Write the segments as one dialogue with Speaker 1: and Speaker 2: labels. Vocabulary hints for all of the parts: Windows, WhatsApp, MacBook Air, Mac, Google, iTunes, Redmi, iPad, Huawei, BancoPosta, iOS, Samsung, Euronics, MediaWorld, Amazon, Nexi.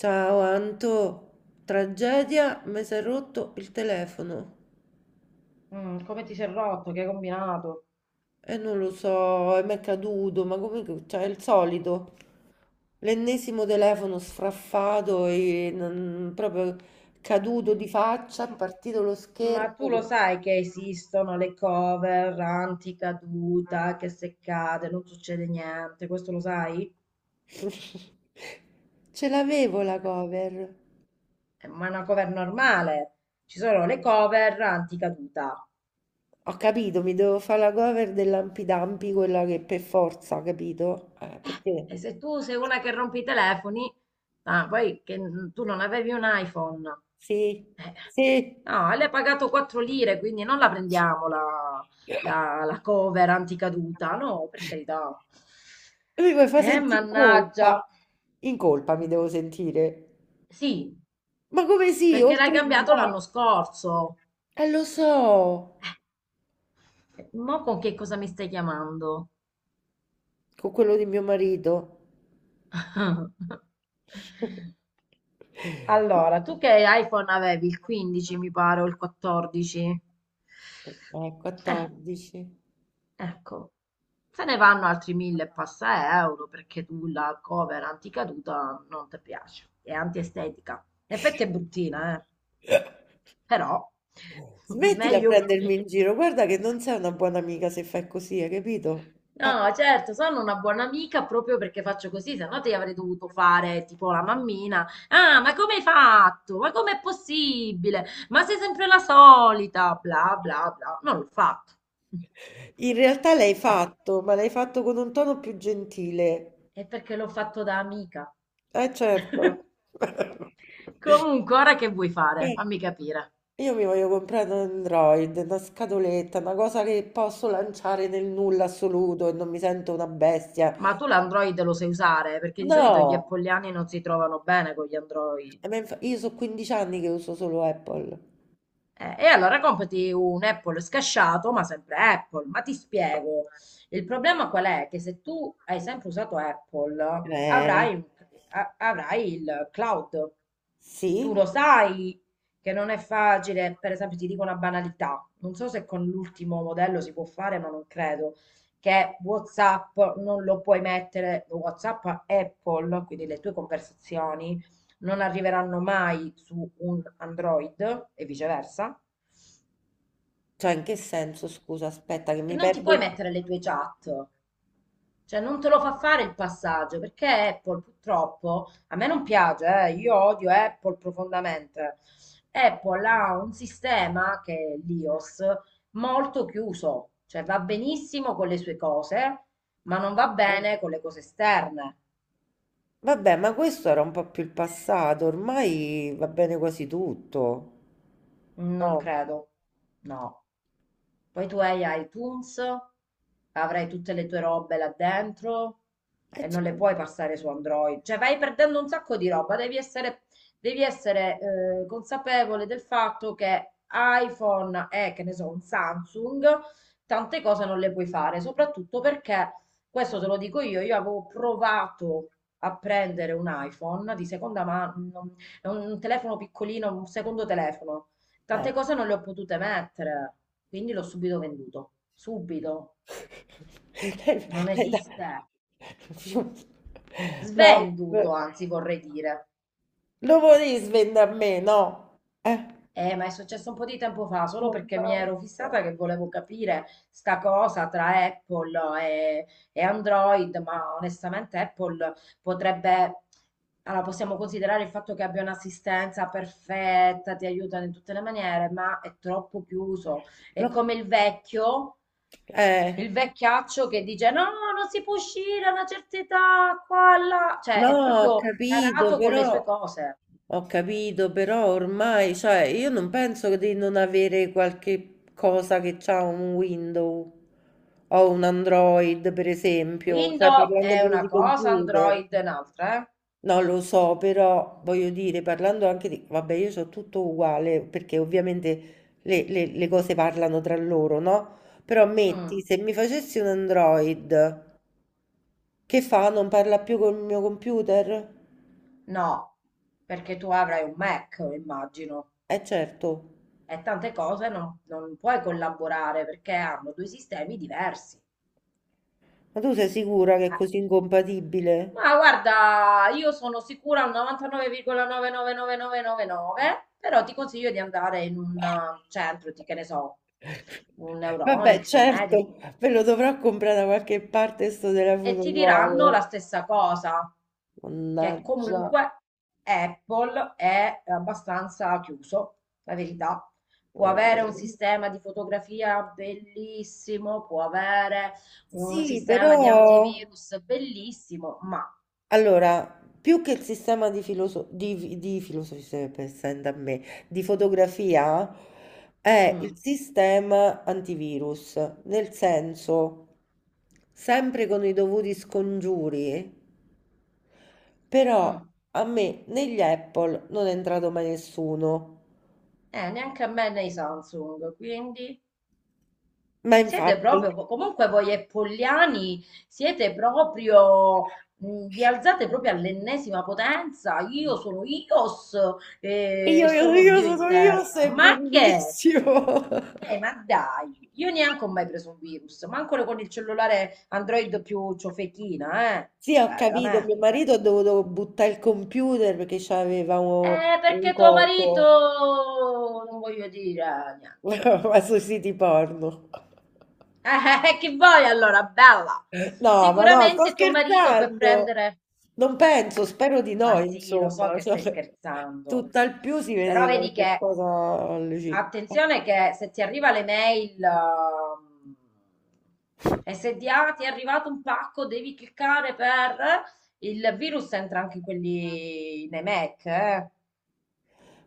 Speaker 1: Ciao Anto, tragedia, mi si è rotto il telefono
Speaker 2: Come ti sei rotto? Che hai combinato?
Speaker 1: e non lo so, e mi è caduto, ma come, cioè, è il solito, l'ennesimo telefono sfraffato e proprio caduto di faccia, è
Speaker 2: M-
Speaker 1: partito lo
Speaker 2: Ma tu lo
Speaker 1: schermo.
Speaker 2: sai che esistono le cover anticaduta, che se cade non succede niente, questo lo sai?
Speaker 1: Ce l'avevo la
Speaker 2: Eh,
Speaker 1: cover.
Speaker 2: Ma è una cover normale. Ci sono le cover anticaduta.
Speaker 1: Ho capito, mi devo fare la cover dell'Ampidampi, quella che per forza, capito? Perché?
Speaker 2: E se tu sei una che rompe i telefoni, poi che tu non avevi un iPhone,
Speaker 1: Sì,
Speaker 2: eh,
Speaker 1: sì.
Speaker 2: no, le hai pagato 4 lire, quindi non la prendiamo la, la- la cover anticaduta, no, per carità.
Speaker 1: Lui mi fa
Speaker 2: Eh,
Speaker 1: sentire in
Speaker 2: mannaggia.
Speaker 1: colpa. In colpa mi devo sentire.
Speaker 2: Sì,
Speaker 1: Ma come sì,
Speaker 2: perché l'hai
Speaker 1: oltre
Speaker 2: cambiato
Speaker 1: dai.
Speaker 2: l'anno scorso.
Speaker 1: Lo so,
Speaker 2: Mo con che cosa mi stai chiamando?
Speaker 1: con quello di mio marito.
Speaker 2: Allora, tu che iPhone avevi? Il 15 mi pare o il 14? Eh,
Speaker 1: 14.
Speaker 2: ecco, se ne vanno altri mille e passa euro perché tu la cover anticaduta non ti piace, è antiestetica. In effetti è bruttina, però
Speaker 1: Smettila a
Speaker 2: meglio.
Speaker 1: prendermi in giro, guarda che non sei una buona amica se fai così, hai capito? Ah,
Speaker 2: No, certo, sono una buona amica proprio perché faccio così, se no ti avrei dovuto fare tipo la mammina. Ah, ma come hai fatto? Ma com'è possibile? Ma sei sempre la solita, bla bla bla. Non l'ho fatto.
Speaker 1: in realtà l'hai
Speaker 2: Eh,
Speaker 1: fatto, ma l'hai fatto con un tono più gentile.
Speaker 2: è perché l'ho fatto da amica.
Speaker 1: Eh certo.
Speaker 2: Comunque, ora che vuoi fare?
Speaker 1: Eh.
Speaker 2: Fammi capire.
Speaker 1: Io mi voglio comprare un Android, una scatoletta, una cosa che posso lanciare nel nulla assoluto e non mi sento una bestia.
Speaker 2: Ma tu l'Android lo sai usare? Perché di solito gli
Speaker 1: No,
Speaker 2: appoliani non si trovano bene con gli Android.
Speaker 1: Io so 15 anni che uso solo Apple.
Speaker 2: E allora comprati un Apple scasciato, ma sempre Apple. Ma ti spiego, il problema qual è? Che se tu hai sempre usato Apple,
Speaker 1: Eh,
Speaker 2: avrai, un- avrai il cloud. Tu
Speaker 1: sì?
Speaker 2: lo sai che non è facile, per esempio, ti dico una banalità, non so se con l'ultimo modello si può fare, ma non credo, che WhatsApp non lo puoi mettere, WhatsApp a Apple, quindi le tue conversazioni non arriveranno mai su un Android e viceversa,
Speaker 1: Cioè, in che senso? Scusa, aspetta che
Speaker 2: che
Speaker 1: mi
Speaker 2: non ti
Speaker 1: perdo
Speaker 2: puoi
Speaker 1: il...
Speaker 2: mettere le tue chat. Cioè, non te lo fa fare il passaggio perché Apple purtroppo a me non piace, io odio Apple profondamente. Apple ha un sistema che è l'iOS molto chiuso, cioè va benissimo con le sue cose, ma non va
Speaker 1: eh.
Speaker 2: bene con le cose esterne.
Speaker 1: Vabbè, ma questo era un po' più il passato, ormai va bene quasi tutto.
Speaker 2: Non
Speaker 1: No.
Speaker 2: credo, no. Poi tu hai iTunes, avrai tutte le tue robe là dentro e non le
Speaker 1: Certo.
Speaker 2: puoi passare su Android. Cioè vai perdendo un sacco di roba, devi essere consapevole del fatto che iPhone e che ne so, un Samsung, tante cose non le puoi fare, soprattutto perché, questo te lo dico io avevo provato a prendere un iPhone di seconda mano, un telefono piccolino, un secondo telefono.
Speaker 1: Eh.
Speaker 2: Tante cose non le ho potute mettere, quindi l'ho subito venduto. Subito.
Speaker 1: Lei
Speaker 2: Non
Speaker 1: lei da
Speaker 2: esiste.
Speaker 1: No, v
Speaker 2: Svenduto, anzi, vorrei dire.
Speaker 1: Lo volevi svendere a me, no? Eh,
Speaker 2: Ma è successo un po' di tempo fa, solo perché mi ero
Speaker 1: mannaggia.
Speaker 2: fissata che volevo capire sta cosa tra Apple e Android, ma onestamente Apple potrebbe, allora possiamo considerare il fatto che abbia un'assistenza perfetta, ti aiuta in tutte le maniere, ma è troppo chiuso. È
Speaker 1: No,
Speaker 2: come il vecchio,
Speaker 1: eh,
Speaker 2: il vecchiaccio che dice no, non si può uscire a una certa età, qua, là, cioè
Speaker 1: no,
Speaker 2: è
Speaker 1: ho
Speaker 2: proprio
Speaker 1: capito,
Speaker 2: tarato con le
Speaker 1: però
Speaker 2: sue cose.
Speaker 1: ho capito, però ormai, cioè, io non penso di non avere qualche cosa che c'ha un Windows o un Android, per esempio. Stai
Speaker 2: Windows
Speaker 1: parlando
Speaker 2: è
Speaker 1: pure
Speaker 2: una
Speaker 1: di
Speaker 2: cosa,
Speaker 1: computer.
Speaker 2: Android è un'altra, eh?
Speaker 1: No, lo so, però voglio dire, parlando anche di... Vabbè, io so tutto uguale, perché ovviamente le cose parlano tra loro, no? Però
Speaker 2: Mm.
Speaker 1: metti,
Speaker 2: Mm,
Speaker 1: se mi facessi un Android, che fa? Non parla più col mio computer?
Speaker 2: no, perché tu avrai un Mac, immagino,
Speaker 1: Eh certo,
Speaker 2: e tante cose non puoi collaborare perché hanno due sistemi diversi.
Speaker 1: ma tu sei sicura che è
Speaker 2: Eh,
Speaker 1: così incompatibile?
Speaker 2: Ma guarda, io sono sicura al 99,999999, però ti consiglio di andare in un centro, di, che ne so, un
Speaker 1: Vabbè,
Speaker 2: Euronics, un
Speaker 1: certo,
Speaker 2: Mediawood.
Speaker 1: ve lo dovrò comprare da qualche parte sto
Speaker 2: E
Speaker 1: telefono
Speaker 2: ti diranno la
Speaker 1: nuovo.
Speaker 2: stessa cosa, che
Speaker 1: Mannaggia.
Speaker 2: comunque Apple è abbastanza chiuso, la verità. Può avere un
Speaker 1: Eh,
Speaker 2: sistema di fotografia bellissimo, può avere un
Speaker 1: Sì,
Speaker 2: sistema di
Speaker 1: però...
Speaker 2: antivirus bellissimo, ma
Speaker 1: Allora, più che il sistema di, di filosofia, sempre stando a me, di fotografia, è il
Speaker 2: mm,
Speaker 1: sistema antivirus, nel senso, sempre con i dovuti scongiuri, però
Speaker 2: mm,
Speaker 1: a me negli Apple non è entrato mai nessuno.
Speaker 2: neanche a me nei Samsung, quindi
Speaker 1: Ma infatti,
Speaker 2: Comunque voi e Pogliani siete proprio, vi alzate proprio all'ennesima potenza. Io sono Ios e
Speaker 1: io, io,
Speaker 2: sono
Speaker 1: io
Speaker 2: Dio in
Speaker 1: sono io,
Speaker 2: terra.
Speaker 1: sei
Speaker 2: Ma che?
Speaker 1: bellissimo.
Speaker 2: Eh, ma dai, io neanche ho mai preso un virus, ma ancora con il cellulare Android più ciofechina, eh?
Speaker 1: Sì, ho
Speaker 2: Cioè,
Speaker 1: capito, mio
Speaker 2: veramente.
Speaker 1: marito ha dovuto buttare il computer perché c'aveva
Speaker 2: Eh,
Speaker 1: un
Speaker 2: perché tuo marito,
Speaker 1: coco,
Speaker 2: non voglio dire niente.
Speaker 1: ma sui siti porno.
Speaker 2: Che vuoi allora, bella?
Speaker 1: Sto
Speaker 2: Sicuramente tuo marito per
Speaker 1: scherzando.
Speaker 2: prendere.
Speaker 1: Non penso, spero di
Speaker 2: Ma
Speaker 1: no,
Speaker 2: sì, lo so
Speaker 1: insomma.
Speaker 2: che
Speaker 1: Cioè,
Speaker 2: stai scherzando,
Speaker 1: tutt'al più si
Speaker 2: però
Speaker 1: vede
Speaker 2: vedi
Speaker 1: qualche
Speaker 2: che,
Speaker 1: cosa lì.
Speaker 2: attenzione che se ti arriva l'email e se ti è arrivato un pacco devi cliccare per. Il virus entra anche in quelli, nei Mac, eh?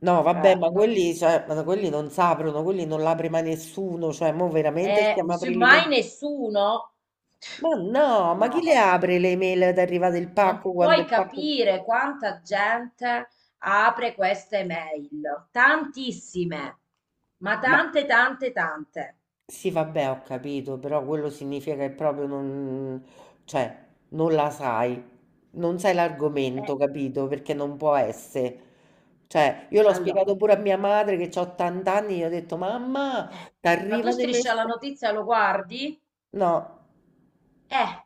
Speaker 1: No, vabbè,
Speaker 2: Cioè,
Speaker 1: ma
Speaker 2: non.
Speaker 1: quelli, cioè, ma no, quelli non s'aprono, quelli non l'apre mai nessuno, cioè, mo veramente stiamo
Speaker 2: E
Speaker 1: aprendo le
Speaker 2: semmai
Speaker 1: mail.
Speaker 2: nessuno.
Speaker 1: Ma no, ma chi
Speaker 2: No,
Speaker 1: le
Speaker 2: vabbè.
Speaker 1: apre le mail ad arrivare del
Speaker 2: Non
Speaker 1: pacco quando
Speaker 2: puoi
Speaker 1: il pacco...
Speaker 2: capire quanta gente apre queste mail, tantissime, ma
Speaker 1: Ma
Speaker 2: tante, tante, tante.
Speaker 1: Sì, vabbè, ho capito, però quello significa che proprio non, cioè, non la sai, non sai
Speaker 2: Eh,
Speaker 1: l'argomento, capito? Perché non può essere. Cioè, io l'ho spiegato
Speaker 2: allora,
Speaker 1: pure a mia madre che ha 80 anni, gli ho detto, mamma,
Speaker 2: eh,
Speaker 1: ti
Speaker 2: ma tu
Speaker 1: arrivano i
Speaker 2: striscia la
Speaker 1: messaggi.
Speaker 2: notizia lo guardi?
Speaker 1: No,
Speaker 2: Eh,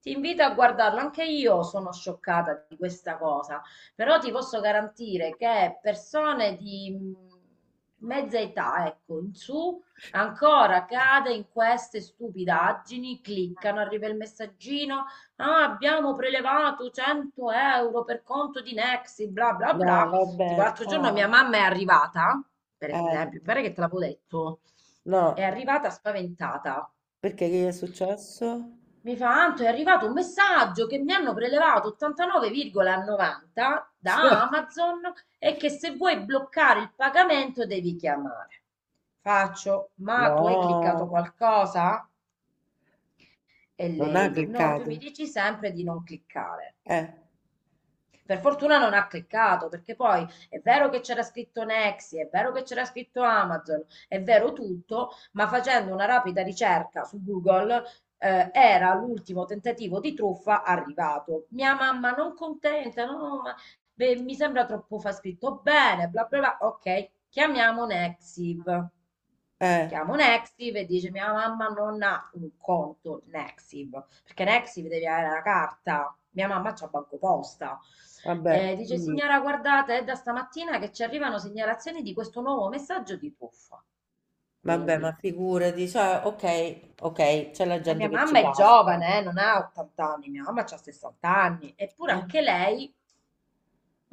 Speaker 2: ti invito a guardarlo, anche io sono scioccata di questa cosa, però ti posso garantire che persone di mezza età, ecco, in su, ancora cade in queste stupidaggini, cliccano, arriva il messaggino, "Ah, abbiamo prelevato 100 € per conto di Nexi, bla bla
Speaker 1: no,
Speaker 2: bla." Tipo
Speaker 1: vabbè,
Speaker 2: l'altro giorno mia
Speaker 1: ciao.
Speaker 2: mamma è arrivata, per
Speaker 1: Eh,
Speaker 2: esempio, mi pare che te l'avevo detto, è
Speaker 1: no,
Speaker 2: arrivata spaventata
Speaker 1: perché che gli è successo?
Speaker 2: mi fa, Anto, è arrivato un messaggio che mi hanno prelevato 89,90 da Amazon e che se vuoi bloccare il pagamento devi chiamare. Faccio, ma tu hai cliccato
Speaker 1: No,
Speaker 2: qualcosa? E
Speaker 1: non ha
Speaker 2: lei, no, tu
Speaker 1: cliccato.
Speaker 2: mi dici sempre di non cliccare.
Speaker 1: Eh,
Speaker 2: Per fortuna non ha cliccato, perché poi è vero che c'era scritto Nexi, è vero che c'era scritto Amazon, è vero tutto, ma facendo una rapida ricerca su Google, era l'ultimo tentativo di truffa arrivato. Mia mamma non contenta, no, ma beh, mi sembra troppo fa scritto bene, bla bla bla. Ok, chiamiamo Nexiv.
Speaker 1: eh,
Speaker 2: Chiamo Nexiv e dice mia mamma non ha un conto Nexiv, perché Nexiv devi avere la carta, mia mamma c'ha BancoPosta.
Speaker 1: vabbè,
Speaker 2: E dice
Speaker 1: quindi-
Speaker 2: signora guardate è da stamattina che ci arrivano segnalazioni di questo nuovo messaggio di truffa.
Speaker 1: Vabbè, ma
Speaker 2: Quindi,
Speaker 1: figurati, cioè, ok, ok, c'è la
Speaker 2: e
Speaker 1: gente
Speaker 2: mia
Speaker 1: che ci
Speaker 2: mamma è
Speaker 1: casca.
Speaker 2: giovane, non ha 80 anni, mia mamma ha 60 anni, eppure
Speaker 1: Eh,
Speaker 2: anche lei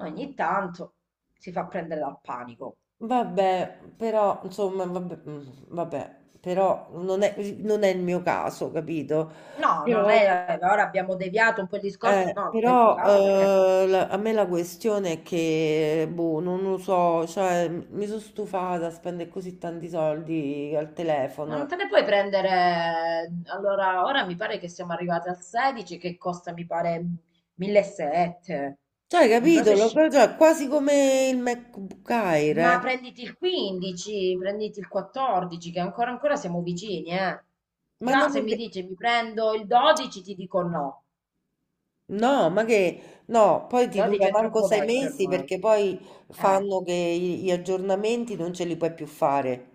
Speaker 2: ogni tanto si fa prendere dal panico.
Speaker 1: vabbè, però, insomma, vabbè, mm, vabbè, però non è il mio caso, capito?
Speaker 2: No, non
Speaker 1: Però, ecco,
Speaker 2: è, ora abbiamo deviato un po' il discorso, no, non è il tuo caso perché.
Speaker 1: a me la questione è che, boh, non lo so, cioè, mi sono stufata a spendere così tanti soldi al
Speaker 2: Ma non
Speaker 1: telefono.
Speaker 2: te ne puoi prendere. Allora, ora mi pare che siamo arrivati al 16 che costa, mi pare, 1.700.
Speaker 1: Cioè,
Speaker 2: Non so
Speaker 1: capito?
Speaker 2: se scende.
Speaker 1: Cioè, quasi come il MacBook Air,
Speaker 2: Ma
Speaker 1: eh.
Speaker 2: prenditi il 15, prenditi il 14, che ancora ancora siamo vicini, eh.
Speaker 1: Ma
Speaker 2: Già,
Speaker 1: non
Speaker 2: se
Speaker 1: è
Speaker 2: mi
Speaker 1: vero.
Speaker 2: dici mi prendo il 12, ti dico no.
Speaker 1: No, ma che no, poi
Speaker 2: Il
Speaker 1: ti
Speaker 2: 12
Speaker 1: dura
Speaker 2: è
Speaker 1: manco
Speaker 2: troppo
Speaker 1: sei
Speaker 2: vecchio
Speaker 1: mesi
Speaker 2: ormai.
Speaker 1: perché poi
Speaker 2: Eh,
Speaker 1: fanno gli aggiornamenti non ce li puoi più fare.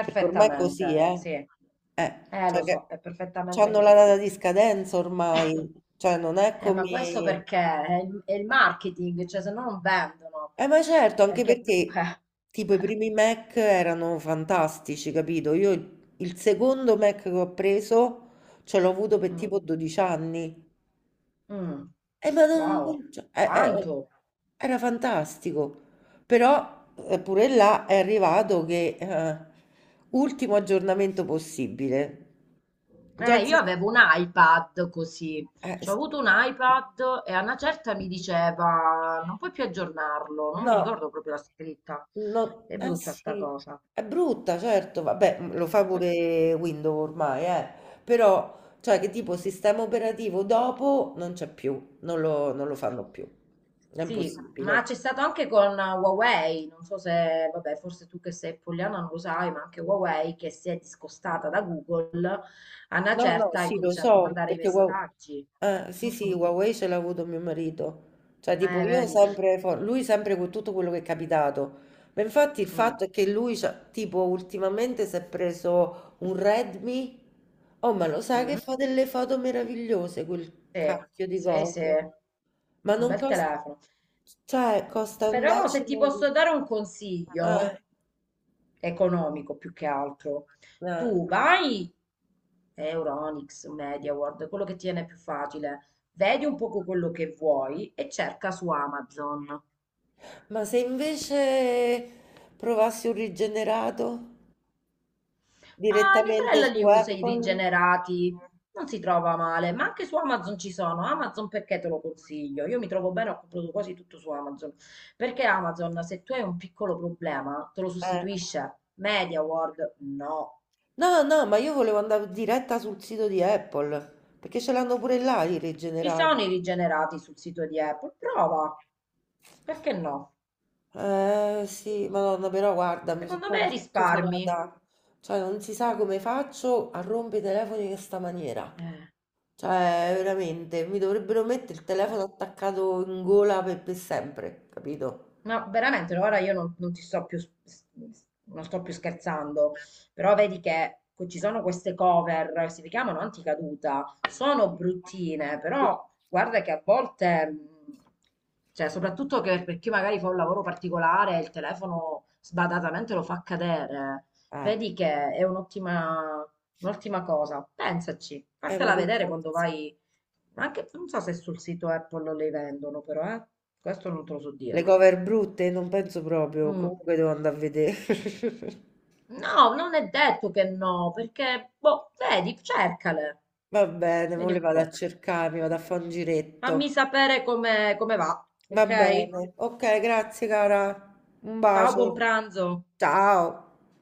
Speaker 1: Perché ormai è così, eh?
Speaker 2: sì. Lo
Speaker 1: Cioè che
Speaker 2: so, è perfettamente
Speaker 1: c'hanno la
Speaker 2: così.
Speaker 1: data di scadenza ormai, cioè non è
Speaker 2: Ma questo
Speaker 1: come...
Speaker 2: perché è il marketing, cioè se no non vendono,
Speaker 1: Ma certo, anche
Speaker 2: perché
Speaker 1: perché
Speaker 2: comunque.
Speaker 1: tipo i primi Mac erano fantastici, capito? Io il secondo Mac che ho preso ce l'ho avuto per
Speaker 2: Mm,
Speaker 1: tipo 12 anni.
Speaker 2: mm,
Speaker 1: Ma non
Speaker 2: wow,
Speaker 1: non cioè, e
Speaker 2: tanto.
Speaker 1: era fantastico. Però, pure là è arrivato che, ultimo aggiornamento possibile. Già il
Speaker 2: Io
Speaker 1: sis
Speaker 2: avevo un iPad così, cioè, ho
Speaker 1: s
Speaker 2: avuto un iPad e a una certa mi diceva non puoi più aggiornarlo, non mi
Speaker 1: no.
Speaker 2: ricordo proprio la scritta,
Speaker 1: No
Speaker 2: è
Speaker 1: eh
Speaker 2: brutta sta
Speaker 1: sì,
Speaker 2: cosa.
Speaker 1: è brutta certo, vabbè, mhmm, lo fa
Speaker 2: Per questo.
Speaker 1: pure Windows ormai, però cioè che tipo sistema operativo dopo non c'è più, non lo fanno più. È
Speaker 2: Sì, ma
Speaker 1: impossibile.
Speaker 2: c'è stato anche con Huawei, non so se, vabbè, forse tu che sei pollyanna non lo sai, ma anche Huawei che si è discostata da Google, a una
Speaker 1: No, no,
Speaker 2: certa ha
Speaker 1: sì, lo
Speaker 2: incominciato a
Speaker 1: so,
Speaker 2: mandare i
Speaker 1: perché
Speaker 2: messaggi.
Speaker 1: sì, sì,
Speaker 2: Mhm.
Speaker 1: Huawei ce l'ha avuto mio marito. Cioè, tipo,
Speaker 2: Eh, vedi?
Speaker 1: lui sempre con tutto quello che è capitato. Ma infatti il
Speaker 2: Mm.
Speaker 1: fatto è che lui, tipo, ultimamente si è preso un Redmi. Oh, ma lo sai che
Speaker 2: Mm.
Speaker 1: fa delle foto meravigliose quel
Speaker 2: Sì,
Speaker 1: cacchio di
Speaker 2: sì, sì,
Speaker 1: coso? Ma
Speaker 2: un
Speaker 1: non
Speaker 2: bel
Speaker 1: costa,
Speaker 2: telefono.
Speaker 1: cioè, costa un
Speaker 2: Però se ti
Speaker 1: decimo di...
Speaker 2: posso dare un
Speaker 1: eh,
Speaker 2: consiglio economico più che altro,
Speaker 1: eh.
Speaker 2: tu vai Euronics, MediaWorld, quello che tiene più facile. Vedi un poco quello che vuoi e cerca su Amazon.
Speaker 1: Ma se invece provassi un rigenerato?
Speaker 2: Ma mia
Speaker 1: Direttamente
Speaker 2: sorella
Speaker 1: su
Speaker 2: li usa i
Speaker 1: Apple?
Speaker 2: rigenerati, non si trova male, ma anche su Amazon ci sono. Amazon perché te lo consiglio? Io mi trovo bene, ho comprato quasi tutto su Amazon. Perché Amazon, se tu hai un piccolo problema, te lo
Speaker 1: Eh.
Speaker 2: sostituisce. MediaWorld, no.
Speaker 1: No, no, ma io volevo andare diretta sul sito di Apple, perché ce l'hanno pure là i
Speaker 2: Ci
Speaker 1: rigenerati.
Speaker 2: sono i rigenerati sul sito di Apple, prova. Perché no?
Speaker 1: Eh sì, madonna, però guarda, mi sono
Speaker 2: Secondo me
Speaker 1: proprio
Speaker 2: risparmi.
Speaker 1: stufata. Cioè, non si sa come faccio a rompere i telefoni in questa maniera.
Speaker 2: Eh.
Speaker 1: Cioè, veramente, mi dovrebbero mettere il telefono attaccato in gola per sempre, capito?
Speaker 2: No, veramente, no, ora io non ti sto più, non sto più scherzando, però vedi che ci sono queste cover, si chiamano anticaduta, sono bruttine, però guarda che a volte, cioè soprattutto che per chi magari fa un lavoro particolare, il telefono sbadatamente lo fa cadere,
Speaker 1: Eh,
Speaker 2: vedi che è un'ottima cosa, pensaci,
Speaker 1: ma
Speaker 2: fatela
Speaker 1: per
Speaker 2: vedere quando
Speaker 1: forza.
Speaker 2: vai, anche non so se sul sito Apple le vendono, però questo non te lo so
Speaker 1: Le
Speaker 2: dire.
Speaker 1: cover brutte? Non penso proprio,
Speaker 2: Mm.
Speaker 1: comunque devo andare a vedere.
Speaker 2: No, non è detto che no, perché, boh, vedi, cercale,
Speaker 1: Va bene, mo
Speaker 2: vedi
Speaker 1: le
Speaker 2: un
Speaker 1: vado a
Speaker 2: po'.
Speaker 1: cercare, mi vado a fare un giretto.
Speaker 2: Fammi sapere come va,
Speaker 1: Va
Speaker 2: ok?
Speaker 1: bene, ok, grazie cara, un
Speaker 2: Ciao,
Speaker 1: bacio.
Speaker 2: buon pranzo.
Speaker 1: Ciao.